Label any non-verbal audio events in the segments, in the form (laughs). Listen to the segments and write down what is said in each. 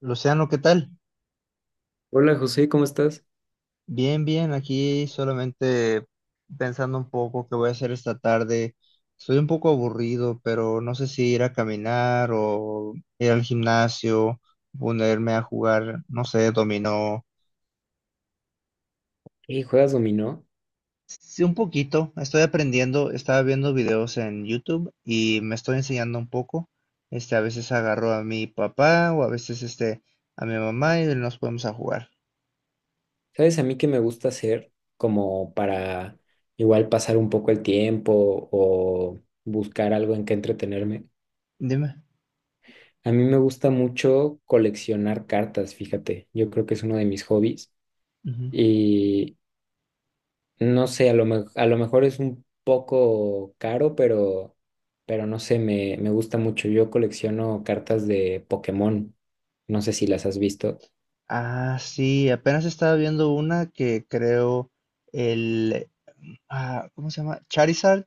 Luciano, ¿qué tal? Hola José, ¿cómo estás? Bien, bien, aquí solamente pensando un poco qué voy a hacer esta tarde. Estoy un poco aburrido, pero no sé si ir a caminar o ir al gimnasio, ponerme a jugar, no sé, dominó. ¿Y juegas dominó? Sí, un poquito. Estoy aprendiendo, estaba viendo videos en YouTube y me estoy enseñando un poco. A veces agarro a mi papá o a veces a mi mamá y nos ponemos a jugar. ¿Sabes a mí qué me gusta hacer como para igual pasar un poco el tiempo o buscar algo en que entretenerme? Dime. A mí me gusta mucho coleccionar cartas, fíjate. Yo creo que es uno de mis hobbies y no sé, a lo mejor es un poco caro, pero no sé, me gusta mucho. Yo colecciono cartas de Pokémon. No sé si las has visto. Ah, sí, apenas estaba viendo una que creo el, ¿cómo se llama? Charizard,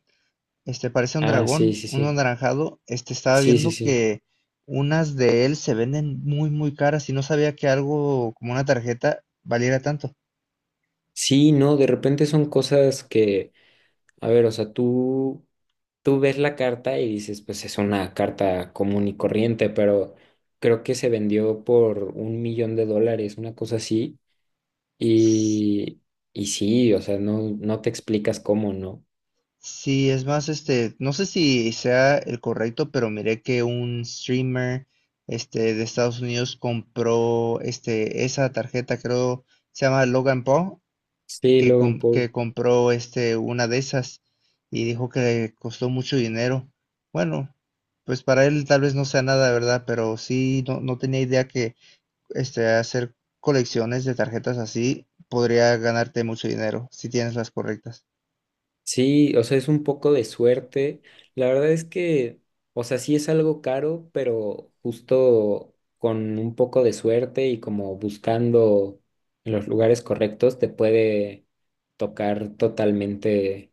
parece un Ah, sí, dragón, sí, un sí. anaranjado. Estaba Sí, sí, viendo sí. que unas de él se venden muy, muy caras y no sabía que algo como una tarjeta valiera tanto. Sí, no, de repente son cosas que, a ver, o sea, tú ves la carta y dices, pues es una carta común y corriente, pero creo que se vendió por un millón de dólares, una cosa así, S- y, y sí, o sea, no, no te explicas cómo, ¿no? Sí, es más, no sé si sea el correcto, pero miré que un streamer, de Estados Unidos compró, esa tarjeta, creo, se llama Logan Paul Sí, Logan Paul. que compró una de esas y dijo que le costó mucho dinero. Bueno, pues para él tal vez no sea nada, ¿verdad? Pero sí, no, no tenía idea que hacer colecciones de tarjetas así podría ganarte mucho dinero si tienes las correctas. Sí, o sea, es un poco de suerte. La verdad es que, o sea, sí es algo caro, pero justo con un poco de suerte y como buscando en los lugares correctos, te puede tocar totalmente,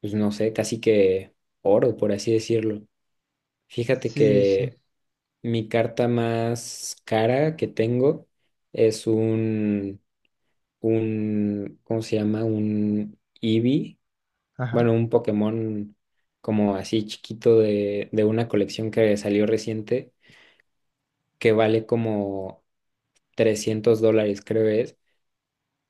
pues no sé, casi que oro, por así decirlo. Fíjate Sí, sí. que mi carta más cara que tengo es un, ¿cómo se llama? Un EV Ajá. bueno, un Pokémon como así chiquito de una colección que salió reciente, que vale como $300, creo es,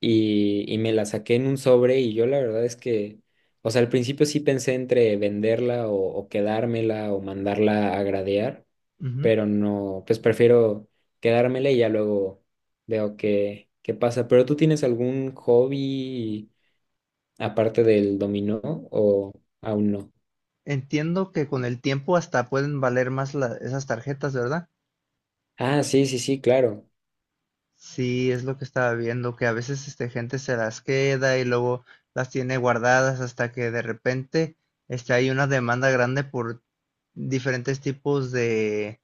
y me la saqué en un sobre y yo la verdad es que, o sea, al principio sí pensé entre venderla o quedármela o mandarla a gradear, Ujú. pero no, pues prefiero quedármela y ya luego veo qué pasa. ¿Pero tú tienes algún hobby aparte del dominó o aún no? Entiendo que con el tiempo hasta pueden valer más esas tarjetas, ¿verdad? Ah, sí, sí, sí, claro. Sí, es lo que estaba viendo, que a veces gente se las queda y luego las tiene guardadas hasta que de repente hay una demanda grande por diferentes tipos de,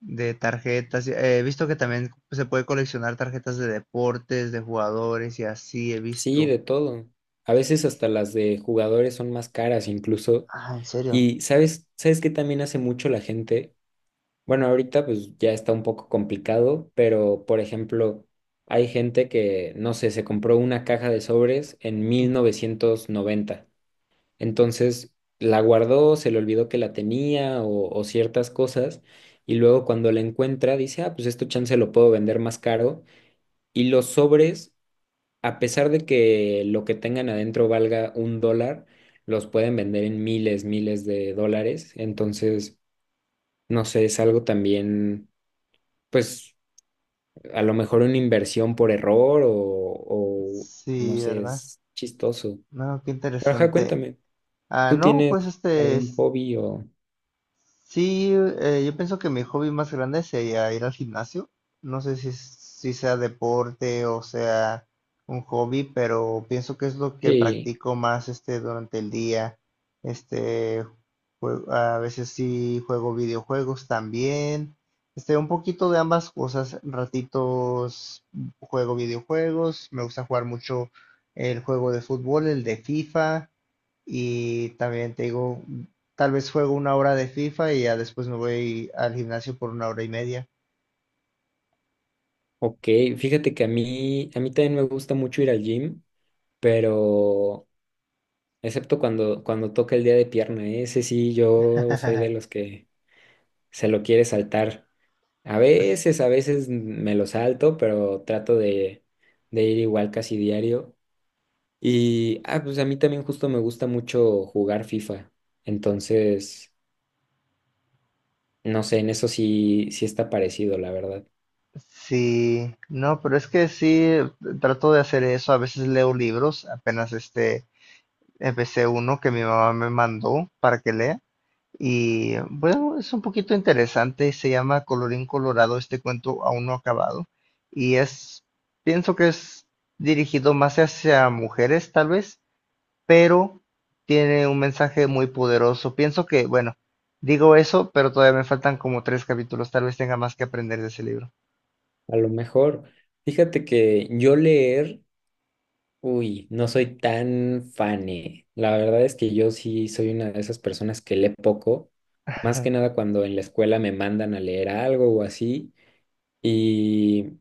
de tarjetas. He visto que también se puede coleccionar tarjetas de deportes, de jugadores y así he Sí, visto. de todo. A veces hasta las de jugadores son más caras incluso. Ah, ¿en serio? Y sabes que también hace mucho la gente. Bueno, ahorita pues ya está un poco complicado, pero por ejemplo, hay gente que, no sé, se compró una caja de sobres en mil Ujú. novecientos noventa Entonces la guardó, se le olvidó que la tenía o ciertas cosas. Y luego cuando la encuentra dice, ah, pues esto chance lo puedo vender más caro. Y los sobres a pesar de que lo que tengan adentro valga $1, los pueden vender en miles, miles de dólares. Entonces, no sé, es algo también, pues, a lo mejor una inversión por error o no Sí, sé, ¿verdad? es chistoso. No, qué Pero ajá, interesante. cuéntame, Ah, ¿tú no, tienes pues este algún es. hobby o...? Sí, yo pienso que mi hobby más grande sería ir al gimnasio. No sé si sea deporte o sea un hobby, pero pienso que es lo que Sí, practico más durante el día. Este, a veces sí juego videojuegos también. Un poquito de ambas cosas. Ratitos juego videojuegos. Me gusta jugar mucho el juego de fútbol, el de FIFA. Y también te digo, tal vez juego una hora de FIFA y ya después me voy al gimnasio por una hora y media. ok, fíjate que a mí también me gusta mucho ir al gym, pero... Excepto cuando toca el día de pierna, ¿eh? Ese sí, yo soy (laughs) de los que se lo quiere saltar. A S- veces, a veces me lo salto, pero trato de ir igual casi diario. Y, ah, pues a mí también justo me gusta mucho jugar FIFA. Entonces, no sé, en eso sí, sí está parecido, la verdad. Sí, no, pero es que sí, trato de hacer eso. A veces leo libros, apenas empecé uno que mi mamá me mandó para que lea. Y bueno, es un poquito interesante, se llama Colorín Colorado, este cuento aún no acabado. Y es, Pienso que es dirigido más hacia mujeres, tal vez, pero tiene un mensaje muy poderoso. Pienso que, bueno, digo eso, pero todavía me faltan como tres capítulos. Tal vez tenga más que aprender de ese libro. A lo mejor, fíjate que yo leer, uy, no soy tan fane. La verdad es que yo sí soy una de esas personas que lee poco, más que nada (laughs) cuando en la escuela me mandan a leer algo o así. Y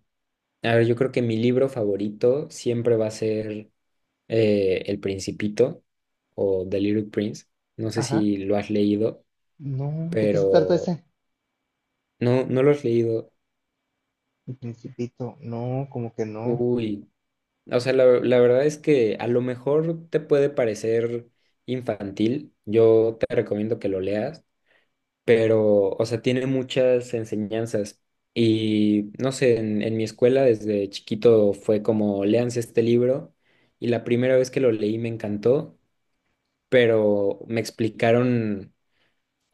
a ver, yo creo que mi libro favorito siempre va a ser El Principito o The Little Prince. No sé Ajá. si lo has leído, No, ¿de qué se trata pero ese? no, no lo has leído. El Principito. No, como que no. Uy, o sea, la verdad es que a lo mejor te puede parecer infantil. Yo te recomiendo que lo leas, pero, o sea, tiene muchas enseñanzas. Y no sé, en mi escuela desde chiquito fue como, léanse este libro. Y la primera vez que lo leí me encantó. Pero me explicaron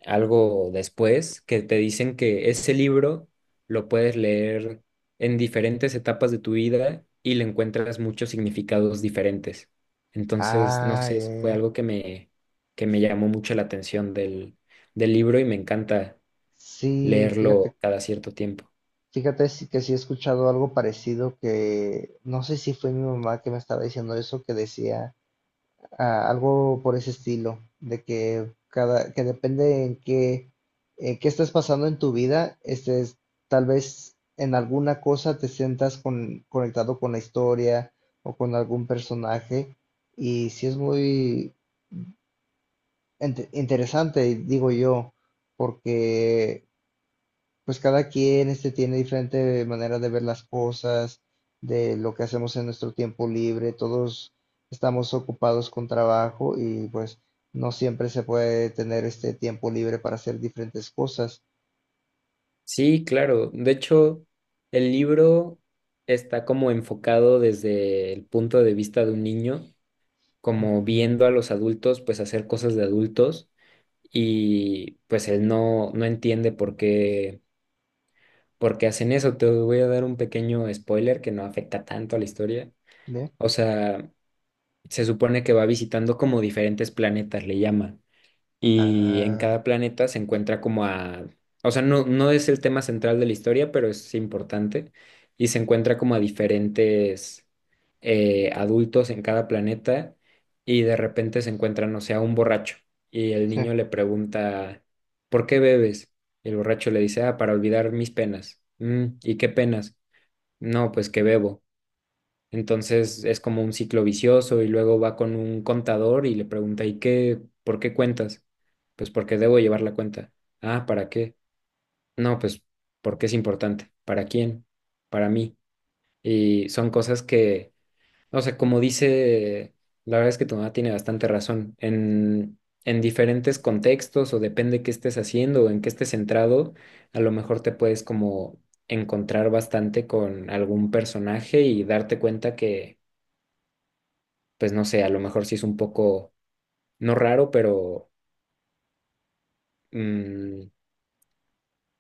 algo después que te dicen que ese libro lo puedes leer en diferentes etapas de tu vida y le encuentras muchos significados diferentes. Entonces, no Ah, sé, ya, eso ya, fue ya. algo que me, llamó mucho la atención del libro y me encanta Sí, fíjate, leerlo cada cierto tiempo. fíjate que sí he escuchado algo parecido que no sé si fue mi mamá que me estaba diciendo eso, que decía, ah, algo por ese estilo, de que que depende en qué, qué estés pasando en tu vida, tal vez en alguna cosa te sientas conectado con la historia o con algún personaje, y sí es muy interesante, digo yo, porque pues cada quien tiene diferente manera de ver las cosas, de lo que hacemos en nuestro tiempo libre, todos estamos ocupados con trabajo y pues no siempre se puede tener este tiempo libre para hacer diferentes cosas. Sí, claro. De hecho, el libro está como enfocado desde el punto de vista de un niño como Mm. viendo a los adultos pues hacer cosas de adultos y pues él no, no entiende por qué hacen eso. Te voy a dar un pequeño spoiler que no afecta tanto a la historia. ¿Ve? O sea, se supone que va visitando como diferentes planetas, le llama y en Ah, cada planeta se encuentra como a, o sea, no, no es el tema central de la historia, pero es importante, y se encuentra como a diferentes adultos en cada planeta y de repente se encuentran, o sea, un borracho y el sí. niño le pregunta, ¿por qué bebes? Y el borracho le dice, ah, para olvidar mis penas. "Mm, ¿y qué penas? No, pues que bebo. Entonces es como un ciclo vicioso y luego va con un contador y le pregunta, ¿y qué? ¿Por qué cuentas? Pues porque debo llevar la cuenta. Ah, ¿para qué? No, pues porque es importante. ¿Para quién? Para mí. Y son cosas que, o sea, como dice, la verdad es que tu mamá tiene bastante razón. En diferentes contextos o depende qué estés haciendo o en qué estés centrado, a lo mejor te puedes como encontrar bastante con algún personaje y darte cuenta que pues no sé, a lo mejor sí es un poco, no raro, pero mm,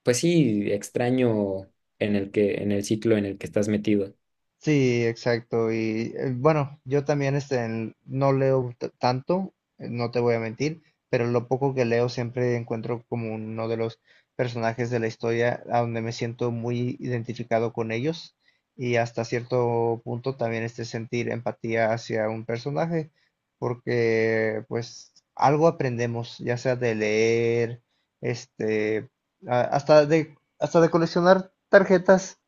pues sí, extraño en el que, en el ciclo en el que estás metido. Sí, exacto. Y bueno, yo también no leo tanto, no te voy a mentir, pero lo poco que leo siempre encuentro como uno de los personajes de la historia a donde me siento muy identificado con ellos y hasta cierto punto también sentir empatía hacia un personaje, porque pues algo aprendemos, ya sea de leer, este, hasta de coleccionar tarjetas.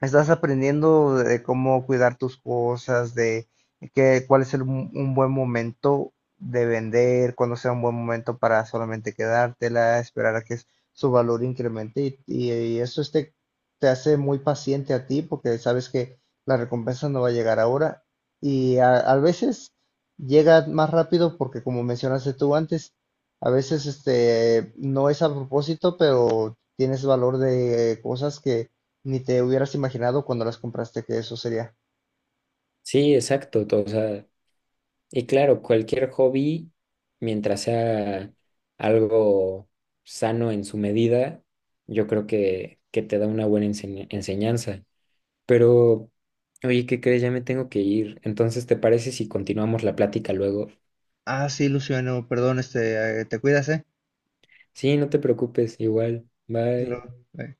Estás aprendiendo de cómo cuidar tus cosas, un buen momento de vender, cuándo sea un buen momento para solamente quedártela, esperar a que su valor incremente y eso te hace muy paciente a ti porque sabes que la recompensa no va a llegar ahora y a veces llega más rápido porque como mencionaste tú antes, a veces no es a propósito, pero tienes valor de cosas que ni te hubieras imaginado cuando las compraste que eso sería. Sí, exacto. O sea, y claro, cualquier hobby, mientras sea algo sano en su medida, yo creo que te da una buena enseñanza. Pero, oye, ¿qué crees? Ya me tengo que ir. Entonces, ¿te parece si continuamos la plática luego? Ah, sí, Luciano, perdón, te cuidas, ¿eh? Sí, no te preocupes, igual. Pero, Bye. eh,